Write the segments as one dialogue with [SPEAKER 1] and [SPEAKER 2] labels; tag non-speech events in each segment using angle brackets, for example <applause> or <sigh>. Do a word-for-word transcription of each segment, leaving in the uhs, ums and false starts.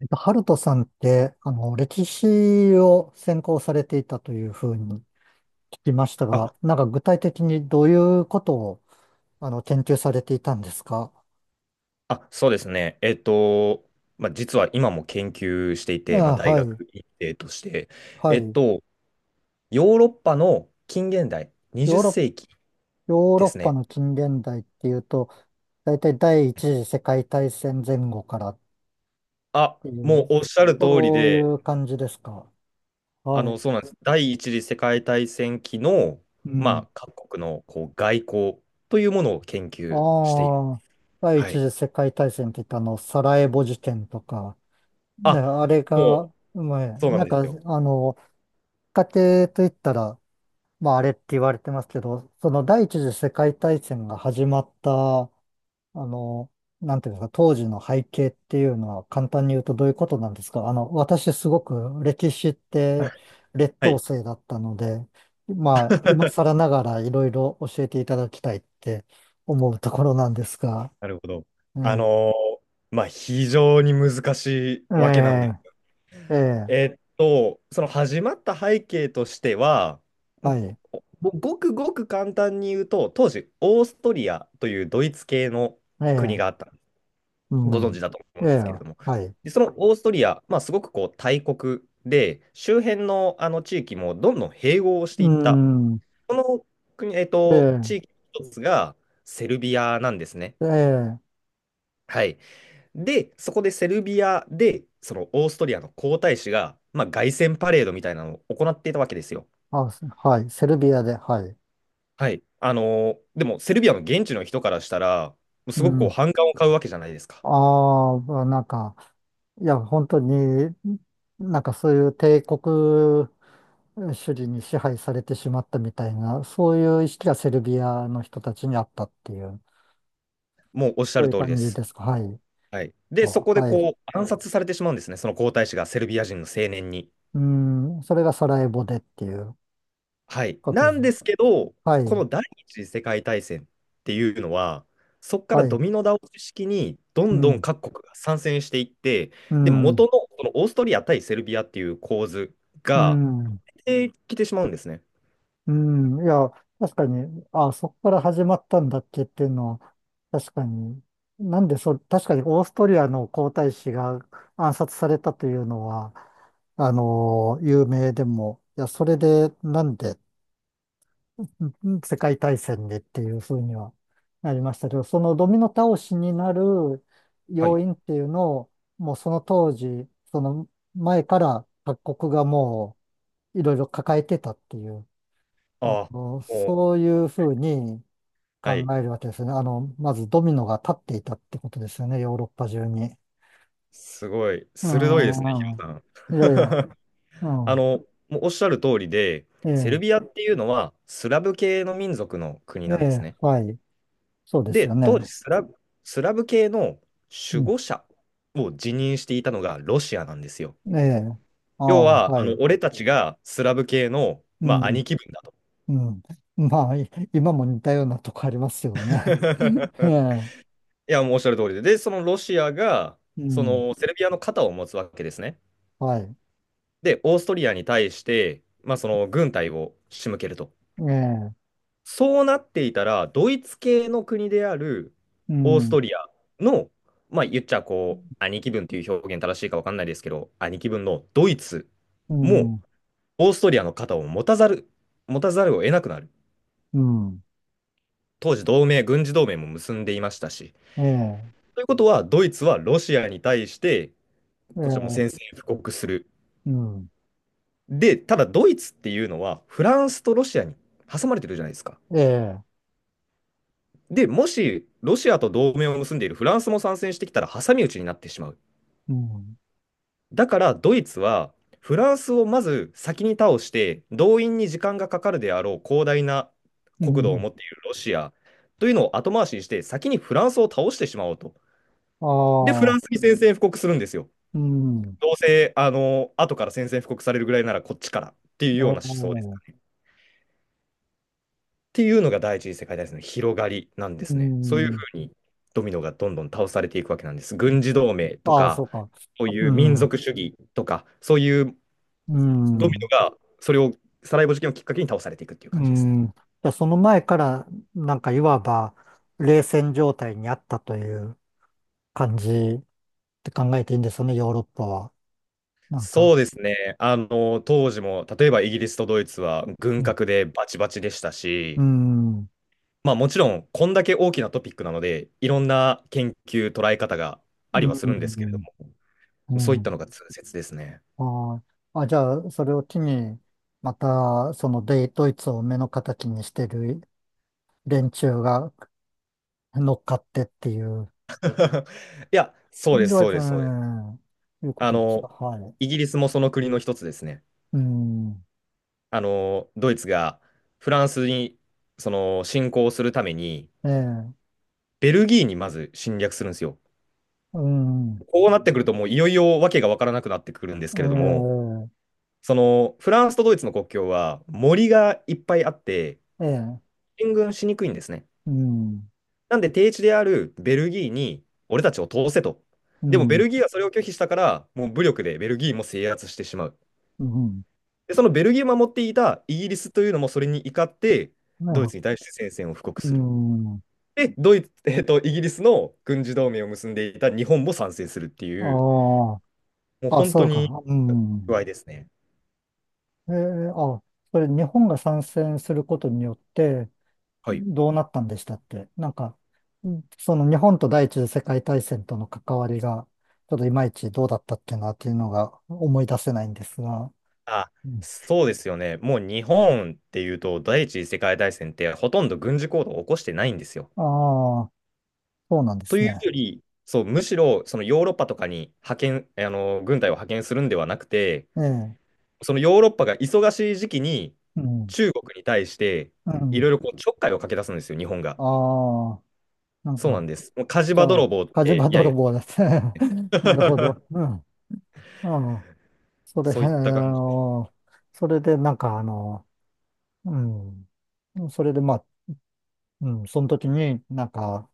[SPEAKER 1] えっと、ハルトさんって、あの、歴史を専攻されていたというふうに聞きました
[SPEAKER 2] あ、
[SPEAKER 1] が、なんか具体的にどういうことを、あの、研究されていたんですか？
[SPEAKER 2] あ、そうですね。えっと、まあ、実は今も研究していて、まあ、
[SPEAKER 1] あ、
[SPEAKER 2] 大
[SPEAKER 1] はい、
[SPEAKER 2] 学院生として、
[SPEAKER 1] は
[SPEAKER 2] えっ
[SPEAKER 1] い。
[SPEAKER 2] と、ヨーロッパの近現代、
[SPEAKER 1] ヨ
[SPEAKER 2] にじっ
[SPEAKER 1] ーロ
[SPEAKER 2] 世紀
[SPEAKER 1] ッ、ヨーロ
[SPEAKER 2] で
[SPEAKER 1] ッ
[SPEAKER 2] す
[SPEAKER 1] パ
[SPEAKER 2] ね。
[SPEAKER 1] の近現代っていうと、大体第一次世界大戦前後からっ
[SPEAKER 2] あ、
[SPEAKER 1] てい
[SPEAKER 2] もう
[SPEAKER 1] う、
[SPEAKER 2] おっしゃる通り
[SPEAKER 1] そうい
[SPEAKER 2] で、
[SPEAKER 1] う感じですか？
[SPEAKER 2] あ
[SPEAKER 1] は
[SPEAKER 2] の、
[SPEAKER 1] い。
[SPEAKER 2] そうなんです。第一次世界大戦期の、
[SPEAKER 1] う
[SPEAKER 2] ま
[SPEAKER 1] ん。
[SPEAKER 2] あ、各国のこう外交というものを研
[SPEAKER 1] あ
[SPEAKER 2] 究している。
[SPEAKER 1] あ、第
[SPEAKER 2] は
[SPEAKER 1] 一
[SPEAKER 2] い。
[SPEAKER 1] 次世界大戦って言ったあの、サラエボ事件とか、ね、
[SPEAKER 2] あ、
[SPEAKER 1] あれ
[SPEAKER 2] もう、
[SPEAKER 1] が、まあ、
[SPEAKER 2] そうな
[SPEAKER 1] な
[SPEAKER 2] ん
[SPEAKER 1] ん
[SPEAKER 2] です
[SPEAKER 1] か、
[SPEAKER 2] よ。
[SPEAKER 1] あの、家庭といったら、まあ、あれって言われてますけど、その第一次世界大戦が始まった、あの、なんていうんですか、当時の背景っていうのは簡単に言うとどういうことなんですか？あの、私すごく歴史って
[SPEAKER 2] <laughs>
[SPEAKER 1] 劣
[SPEAKER 2] は
[SPEAKER 1] 等
[SPEAKER 2] い。
[SPEAKER 1] 生だったので、まあ、今更
[SPEAKER 2] <laughs>
[SPEAKER 1] ながらいろいろ教えていただきたいって思うところなんですが、
[SPEAKER 2] なるほど。
[SPEAKER 1] う
[SPEAKER 2] あ
[SPEAKER 1] ん。
[SPEAKER 2] のーまあ、非常に難しいわけなんで
[SPEAKER 1] え
[SPEAKER 2] す。
[SPEAKER 1] え、ええ、
[SPEAKER 2] えっと、その始まった背景としては、
[SPEAKER 1] はい。
[SPEAKER 2] もうごくごく簡単に言うと、当時、オーストリアというドイツ系の国
[SPEAKER 1] え
[SPEAKER 2] があっ
[SPEAKER 1] え、
[SPEAKER 2] た、
[SPEAKER 1] う
[SPEAKER 2] ご存
[SPEAKER 1] ん。
[SPEAKER 2] 知だと思
[SPEAKER 1] え
[SPEAKER 2] うんで
[SPEAKER 1] え、
[SPEAKER 2] すけれども、
[SPEAKER 1] はい。
[SPEAKER 2] で、そのオーストリア、まあ、すごくこう大国で、周辺のあの地域もどんどん併合をして
[SPEAKER 1] う
[SPEAKER 2] いった、
[SPEAKER 1] ん。
[SPEAKER 2] この国、えっ
[SPEAKER 1] え
[SPEAKER 2] と、地
[SPEAKER 1] え、
[SPEAKER 2] 域の一つがセルビアなんですね。
[SPEAKER 1] ええ、
[SPEAKER 2] はい。で、そこでセルビアで、そのオーストリアの皇太子が、まあ、凱旋パレードみたいなのを行っていたわけですよ。
[SPEAKER 1] あ、すはい。セルビアで、はい。
[SPEAKER 2] はい。あのーでも、セルビアの現地の人からしたら、もう
[SPEAKER 1] う
[SPEAKER 2] すごくこう
[SPEAKER 1] ん。
[SPEAKER 2] 反感を買うわけじゃないですか。
[SPEAKER 1] ああ、なんか、いや、本当に、なんかそういう帝国主義に支配されてしまったみたいな、そういう意識がセルビアの人たちにあったっていう、
[SPEAKER 2] もうおっしゃ
[SPEAKER 1] そう
[SPEAKER 2] る
[SPEAKER 1] いう
[SPEAKER 2] 通りで
[SPEAKER 1] 感じ
[SPEAKER 2] す。
[SPEAKER 1] ですか。はい。
[SPEAKER 2] はい。で、そ
[SPEAKER 1] そ
[SPEAKER 2] こ
[SPEAKER 1] う、
[SPEAKER 2] で
[SPEAKER 1] はい。
[SPEAKER 2] こう暗殺されてしまうんですね、その皇太子がセルビア人の青年に。
[SPEAKER 1] うん。それがサラエボでっていう
[SPEAKER 2] はい。
[SPEAKER 1] こと
[SPEAKER 2] な
[SPEAKER 1] です。
[SPEAKER 2] んですけど、
[SPEAKER 1] は
[SPEAKER 2] こ
[SPEAKER 1] い。
[SPEAKER 2] の第一次世界大戦っていうのは、そこか
[SPEAKER 1] は
[SPEAKER 2] らド
[SPEAKER 1] い。
[SPEAKER 2] ミノ倒し式にど
[SPEAKER 1] う
[SPEAKER 2] んどん
[SPEAKER 1] ん。
[SPEAKER 2] 各国が参戦していって、
[SPEAKER 1] う
[SPEAKER 2] で、元
[SPEAKER 1] ん。
[SPEAKER 2] のそのオーストリア対セルビアっていう構図
[SPEAKER 1] う
[SPEAKER 2] が
[SPEAKER 1] ん。
[SPEAKER 2] できてしまうんですね。
[SPEAKER 1] うん、いや、確かに、あ、そこから始まったんだっけっていうのは、確かに、なんでそ、確かにオーストリアの皇太子が暗殺されたというのは、あの、有名でも、いや、それでなんでん世界大戦でっていうふうにはなりましたけど、そのドミノ倒しになる
[SPEAKER 2] は
[SPEAKER 1] 要
[SPEAKER 2] い。
[SPEAKER 1] 因っていうのを、もうその当時、その前から各国がもういろいろ抱えてたっていう。あ
[SPEAKER 2] ああ、
[SPEAKER 1] の、
[SPEAKER 2] もう、
[SPEAKER 1] そういうふうに考
[SPEAKER 2] はい。
[SPEAKER 1] えるわけですね。あの、まずドミノが立っていたってことですよね、ヨーロッパ中に。
[SPEAKER 2] すごい、
[SPEAKER 1] う
[SPEAKER 2] 鋭いですね、ヒ
[SPEAKER 1] ん、うん、
[SPEAKER 2] ロさん。
[SPEAKER 1] いやいや、う
[SPEAKER 2] <laughs> あ
[SPEAKER 1] ん、
[SPEAKER 2] の、もうおっしゃる通りで、セルビ
[SPEAKER 1] え
[SPEAKER 2] アっていうのはスラブ系の民族の国
[SPEAKER 1] え、
[SPEAKER 2] なん
[SPEAKER 1] え
[SPEAKER 2] です
[SPEAKER 1] え、
[SPEAKER 2] ね。
[SPEAKER 1] はい、そうですよ
[SPEAKER 2] で、当時
[SPEAKER 1] ね。
[SPEAKER 2] スラブ、スラブ系の
[SPEAKER 1] う
[SPEAKER 2] 守
[SPEAKER 1] ん、
[SPEAKER 2] 護者を辞任していたのがロシアなんですよ。
[SPEAKER 1] ええ、あ
[SPEAKER 2] 要
[SPEAKER 1] あ、
[SPEAKER 2] は、あ
[SPEAKER 1] は
[SPEAKER 2] の
[SPEAKER 1] い、
[SPEAKER 2] 俺たちがスラブ系の、
[SPEAKER 1] う
[SPEAKER 2] まあ、
[SPEAKER 1] ん、
[SPEAKER 2] 兄貴分だと。
[SPEAKER 1] うん。まあ、い今も似たようなとこありますよね。<laughs> え
[SPEAKER 2] <laughs>
[SPEAKER 1] え、
[SPEAKER 2] いや、もうおっしゃる通りで。で、そのロシアが、
[SPEAKER 1] う
[SPEAKER 2] そ
[SPEAKER 1] ん、
[SPEAKER 2] のセルビアの肩を持つわけですね。
[SPEAKER 1] はい、
[SPEAKER 2] で、オーストリアに対して、まあ、その軍隊を仕向けると。
[SPEAKER 1] ええ、
[SPEAKER 2] そうなっていたら、ドイツ系の国である
[SPEAKER 1] う
[SPEAKER 2] オース
[SPEAKER 1] ん、
[SPEAKER 2] トリアの、まあ言っちゃこう、兄貴分という表現正しいか分かんないですけど、兄貴分のドイツ
[SPEAKER 1] う
[SPEAKER 2] も
[SPEAKER 1] ん、
[SPEAKER 2] オーストリアの肩を持たざる、持たざるを得なくなる。
[SPEAKER 1] うん、
[SPEAKER 2] 当時同盟、軍事同盟も結んでいましたし。
[SPEAKER 1] ええ、
[SPEAKER 2] ということは、ドイツはロシアに対して、
[SPEAKER 1] え
[SPEAKER 2] こちらも
[SPEAKER 1] え、
[SPEAKER 2] 宣戦布告する。
[SPEAKER 1] うん、
[SPEAKER 2] で、ただドイツっていうのは、フランスとロシアに挟まれてるじゃないですか。
[SPEAKER 1] ええ、
[SPEAKER 2] で、もしロシアと同盟を結んでいるフランスも参戦してきたら挟み撃ちになってしまう。
[SPEAKER 1] うん。
[SPEAKER 2] だからドイツはフランスをまず先に倒して動員に時間がかかるであろう広大な
[SPEAKER 1] う
[SPEAKER 2] 国土を
[SPEAKER 1] ん、
[SPEAKER 2] 持っているロシアというのを後回しにして先にフランスを倒してしまおうと。
[SPEAKER 1] あ
[SPEAKER 2] で、フラ
[SPEAKER 1] あ、
[SPEAKER 2] ンスに宣戦布告するんですよ。
[SPEAKER 1] うん。
[SPEAKER 2] どうせあの後から宣戦布告されるぐらいならこっちからっていう
[SPEAKER 1] え
[SPEAKER 2] ような思想で
[SPEAKER 1] え、
[SPEAKER 2] す。っていうのが第一次世界大戦の広がりなんで
[SPEAKER 1] う
[SPEAKER 2] すね。そういう
[SPEAKER 1] ん。
[SPEAKER 2] ふうにドミノがどんどん倒されていくわけなんです。軍事同盟と
[SPEAKER 1] ああ、そ
[SPEAKER 2] か
[SPEAKER 1] うか。
[SPEAKER 2] そう
[SPEAKER 1] う
[SPEAKER 2] いう民
[SPEAKER 1] ん、う
[SPEAKER 2] 族主義とか、そういうドミ
[SPEAKER 1] ん、
[SPEAKER 2] ノが、それを、サラエボ事件をきっかけに倒されていくっていう感
[SPEAKER 1] う
[SPEAKER 2] じですね。
[SPEAKER 1] ん。じゃあその前から、なんかいわば、冷戦状態にあったという感じって考えていいんですよね、ヨーロッパは。なん
[SPEAKER 2] そ
[SPEAKER 1] か、
[SPEAKER 2] うですね。あの、当時も、例えばイギリスとドイツは
[SPEAKER 1] う
[SPEAKER 2] 軍
[SPEAKER 1] ん、
[SPEAKER 2] 拡でバチバチでした
[SPEAKER 1] う
[SPEAKER 2] し、
[SPEAKER 1] ん、
[SPEAKER 2] まあもちろん、こんだけ大きなトピックなので、いろんな研究、捉え方があ
[SPEAKER 1] う
[SPEAKER 2] りはするんですけれど
[SPEAKER 1] ん、う
[SPEAKER 2] も、そういった
[SPEAKER 1] ん。
[SPEAKER 2] のが通説ですね。
[SPEAKER 1] ああ、あじゃあ、それを機に、また、その、デイドイツを目の敵にしてる連中が乗っかってっていう、
[SPEAKER 2] <laughs> いや、そうです、
[SPEAKER 1] ドイ
[SPEAKER 2] そう
[SPEAKER 1] ツ、う
[SPEAKER 2] です、そうです。
[SPEAKER 1] ん、いうこ
[SPEAKER 2] あ
[SPEAKER 1] とですか？
[SPEAKER 2] の、
[SPEAKER 1] はい。
[SPEAKER 2] イギリスもその国の一つですね。
[SPEAKER 1] うん。
[SPEAKER 2] あの、ドイツがフランスに、その、侵攻するために、
[SPEAKER 1] ええ。
[SPEAKER 2] ベルギーにまず侵略するんですよ。
[SPEAKER 1] うん。
[SPEAKER 2] こうなってくると、もういよいよわけがわからなくなってくるんですけれども、
[SPEAKER 1] え
[SPEAKER 2] その、フランスとドイツの国境は森がいっぱいあって、
[SPEAKER 1] え。ええ。
[SPEAKER 2] 進軍しにくいんですね。
[SPEAKER 1] うん。
[SPEAKER 2] なんで、低地であるベルギーに、俺たちを通せと。
[SPEAKER 1] う
[SPEAKER 2] でも、ベ
[SPEAKER 1] ん。
[SPEAKER 2] ルギーはそれを拒否したから、もう武力でベルギーも制圧してしまう。
[SPEAKER 1] うん。
[SPEAKER 2] で、そのベルギーを守っていたイギリスというのもそれに怒って、ドイ
[SPEAKER 1] な
[SPEAKER 2] ツに対して宣戦線を布告
[SPEAKER 1] う
[SPEAKER 2] する。
[SPEAKER 1] ん。
[SPEAKER 2] で、ドイツ、<laughs> えっと、イギリスの軍事同盟を結んでいた日本も参戦するっていう、
[SPEAKER 1] あ
[SPEAKER 2] もう
[SPEAKER 1] あ。あ、
[SPEAKER 2] 本
[SPEAKER 1] そ
[SPEAKER 2] 当
[SPEAKER 1] う
[SPEAKER 2] に
[SPEAKER 1] か。う
[SPEAKER 2] 具
[SPEAKER 1] ん。
[SPEAKER 2] 合ですね。
[SPEAKER 1] ええ、あ、それ日本が参戦することによって
[SPEAKER 2] はい。
[SPEAKER 1] どうなったんでしたって。なんか、うん、その日本と第一次世界大戦との関わりが、ちょっといまいちどうだったっけなっていうのが思い出せないんですが。
[SPEAKER 2] あ、
[SPEAKER 1] うん、
[SPEAKER 2] そうですよね。もう日本っていうと、第一次世界大戦ってほとんど軍事行動を起こしてないんですよ。
[SPEAKER 1] ああ。そうなんで
[SPEAKER 2] と
[SPEAKER 1] す
[SPEAKER 2] いう
[SPEAKER 1] ね。
[SPEAKER 2] より、そう、むしろそのヨーロッパとかに派遣、あの、軍隊を派遣するんではなくて、
[SPEAKER 1] ええ、
[SPEAKER 2] そのヨーロッパが忙しい時期に
[SPEAKER 1] うん、
[SPEAKER 2] 中国に対して
[SPEAKER 1] う
[SPEAKER 2] い
[SPEAKER 1] ん。
[SPEAKER 2] ろいろこうちょっかいをかけ出すんですよ、日本が。
[SPEAKER 1] ああ、なん
[SPEAKER 2] そうな
[SPEAKER 1] か、
[SPEAKER 2] んです。もう火事
[SPEAKER 1] じ
[SPEAKER 2] 場
[SPEAKER 1] ゃ
[SPEAKER 2] 泥
[SPEAKER 1] あ、
[SPEAKER 2] 棒っ
[SPEAKER 1] 火事
[SPEAKER 2] て、
[SPEAKER 1] 場
[SPEAKER 2] いやい
[SPEAKER 1] 泥
[SPEAKER 2] や。
[SPEAKER 1] 棒ですね。<laughs> なるほど。
[SPEAKER 2] <laughs>
[SPEAKER 1] うん。ああ、それ、
[SPEAKER 2] そう
[SPEAKER 1] あ
[SPEAKER 2] いった感じです。
[SPEAKER 1] の、それで、なんか、あの、うん。それで、まあ、うん、その時になんか、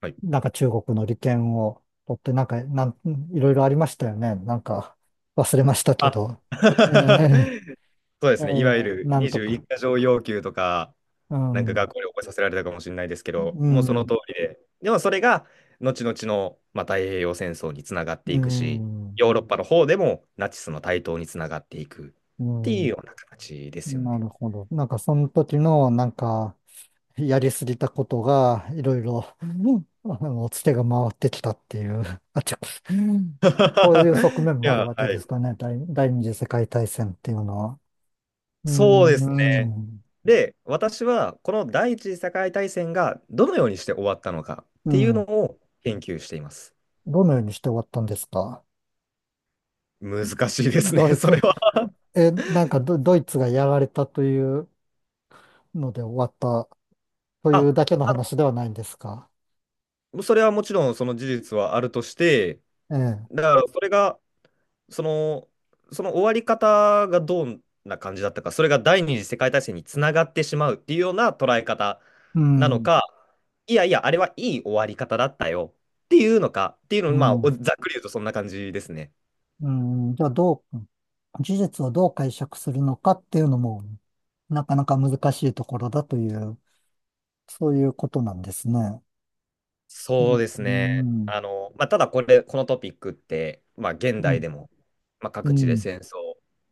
[SPEAKER 2] はい。
[SPEAKER 1] なんか中国の利権を取って、なんか、なん、いろいろありましたよね。なんか、忘れましたけ
[SPEAKER 2] あ
[SPEAKER 1] ど。え
[SPEAKER 2] <laughs>
[SPEAKER 1] え、
[SPEAKER 2] そうで
[SPEAKER 1] え
[SPEAKER 2] す
[SPEAKER 1] え、
[SPEAKER 2] ね。いわゆる
[SPEAKER 1] なんとか。
[SPEAKER 2] にじゅういち箇条要求とか、
[SPEAKER 1] う
[SPEAKER 2] なんか
[SPEAKER 1] ん、
[SPEAKER 2] 学校で覚えさせられたかもしれないですけど、
[SPEAKER 1] う
[SPEAKER 2] もうその
[SPEAKER 1] ん、
[SPEAKER 2] 通りで、でもそれが後々の、まあ、太平洋戦争につながって
[SPEAKER 1] う
[SPEAKER 2] いくし、
[SPEAKER 1] ん、
[SPEAKER 2] ヨーロッパの方でもナチスの台頭につながっていくっ
[SPEAKER 1] う
[SPEAKER 2] ていう
[SPEAKER 1] ん。
[SPEAKER 2] ような形ですよ
[SPEAKER 1] な
[SPEAKER 2] ね。
[SPEAKER 1] るほど。なんかその時のなんかやりすぎたことがいろいろ、うん、 <laughs> あのツケが回ってきたっていう、あちこち、うん、
[SPEAKER 2] <laughs>
[SPEAKER 1] そういう側
[SPEAKER 2] い
[SPEAKER 1] 面もある
[SPEAKER 2] や、
[SPEAKER 1] わけ
[SPEAKER 2] は
[SPEAKER 1] で
[SPEAKER 2] い。
[SPEAKER 1] すかね。第、第二次世界大戦っていうのは。う
[SPEAKER 2] そうで
[SPEAKER 1] ん、
[SPEAKER 2] す
[SPEAKER 1] う
[SPEAKER 2] ね。
[SPEAKER 1] ん、
[SPEAKER 2] で、私はこの第一次世界大戦がどのようにして終わったのかっ
[SPEAKER 1] う
[SPEAKER 2] ていうの
[SPEAKER 1] ん。
[SPEAKER 2] を研究しています。
[SPEAKER 1] どのようにして終わったんですか？
[SPEAKER 2] 難しいですね、
[SPEAKER 1] ド
[SPEAKER 2] <laughs>
[SPEAKER 1] イ
[SPEAKER 2] それ
[SPEAKER 1] ツ、
[SPEAKER 2] は。
[SPEAKER 1] え、なんかド、ドイツがやられたというので終わったというだ
[SPEAKER 2] あ、
[SPEAKER 1] けの話ではないんですか？
[SPEAKER 2] それはもちろんその事実はあるとして、
[SPEAKER 1] ええ。
[SPEAKER 2] だからそれが、その、その終わり方がどんな感じだったか、それが第二次世界大戦につながってしまうっていうような捉え方
[SPEAKER 1] う
[SPEAKER 2] なの
[SPEAKER 1] ん、
[SPEAKER 2] か、いやいや、あれはいい終わり方だったよっていうのか、っていうの、
[SPEAKER 1] う
[SPEAKER 2] まあ、お
[SPEAKER 1] ん。
[SPEAKER 2] ざっくり言うとそんな感じですね。
[SPEAKER 1] うん、じゃあどう、事実をどう解釈するのかっていうのも、なかなか難しいところだという、そういうことなんですね。う
[SPEAKER 2] そ
[SPEAKER 1] ん、
[SPEAKER 2] うですね。
[SPEAKER 1] うん、
[SPEAKER 2] あの、まあ、ただこれ、このトピックって、まあ、現
[SPEAKER 1] う
[SPEAKER 2] 代
[SPEAKER 1] ん、
[SPEAKER 2] でも、まあ、
[SPEAKER 1] う
[SPEAKER 2] 各地で
[SPEAKER 1] ん、
[SPEAKER 2] 戦争、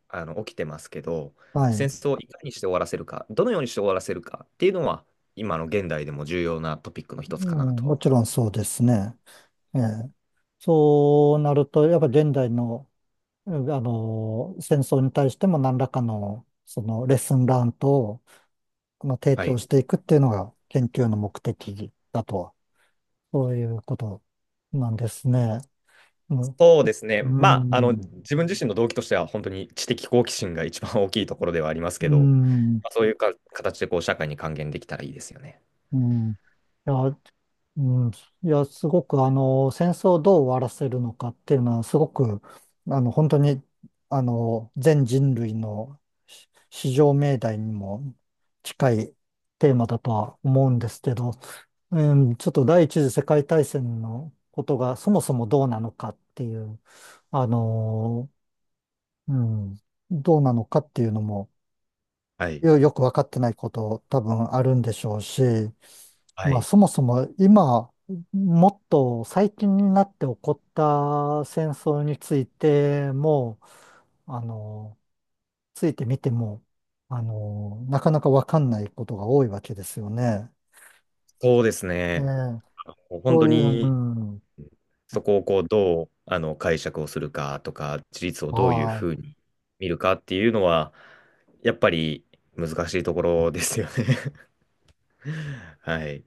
[SPEAKER 2] あの、起きてますけど、
[SPEAKER 1] は
[SPEAKER 2] 戦
[SPEAKER 1] い、
[SPEAKER 2] 争をいかにして終わらせるか、どのようにして終わらせるかっていうのは、今の現代でも重要なトピックの一
[SPEAKER 1] う
[SPEAKER 2] つかな
[SPEAKER 1] ん。
[SPEAKER 2] とは
[SPEAKER 1] も
[SPEAKER 2] 思い
[SPEAKER 1] ち
[SPEAKER 2] ま
[SPEAKER 1] ろんそうですね。え
[SPEAKER 2] すね。
[SPEAKER 1] え、そうなると、やっぱ現代の、あの、戦争に対しても何らかの、そのレッスンラントをこの提
[SPEAKER 2] は
[SPEAKER 1] 供
[SPEAKER 2] い。
[SPEAKER 1] していくっていうのが研究の目的だとは、そういうことなんですね。うん、
[SPEAKER 2] そうですね。
[SPEAKER 1] う
[SPEAKER 2] まあ、あの、
[SPEAKER 1] ん、う
[SPEAKER 2] 自分自身の動機としては、本当に知的好奇心が一番大きいところではありますけど、
[SPEAKER 1] ん、
[SPEAKER 2] まあ、そういうか形でこう社会に還元できたらいいですよね。
[SPEAKER 1] うん。いや、うん、いや、すごく、あの、戦争をどう終わらせるのかっていうのは、すごく、あの、本当に、あの、全人類のし至上命題にも近いテーマだとは思うんですけど、うん、ちょっと第一次世界大戦のことがそもそもどうなのかっていう、あの、うん、どうなのかっていうのも、
[SPEAKER 2] はい。
[SPEAKER 1] よよくわかってないこと多分あるんでしょうし、
[SPEAKER 2] は
[SPEAKER 1] まあ
[SPEAKER 2] い。
[SPEAKER 1] そもそも今、もっと最近になって起こった戦争についても、あの、ついてみても、あの、なかなかわかんないことが多いわけですよね。
[SPEAKER 2] そうです
[SPEAKER 1] え
[SPEAKER 2] ね。
[SPEAKER 1] え、
[SPEAKER 2] もう本
[SPEAKER 1] そう
[SPEAKER 2] 当
[SPEAKER 1] いう、う
[SPEAKER 2] に
[SPEAKER 1] ん、
[SPEAKER 2] そこをこうどうあの解釈をするかとか、自立をどういう
[SPEAKER 1] は
[SPEAKER 2] ふう
[SPEAKER 1] い。
[SPEAKER 2] に見るかっていうのは、やっぱり難しいところですよね。<laughs> はい。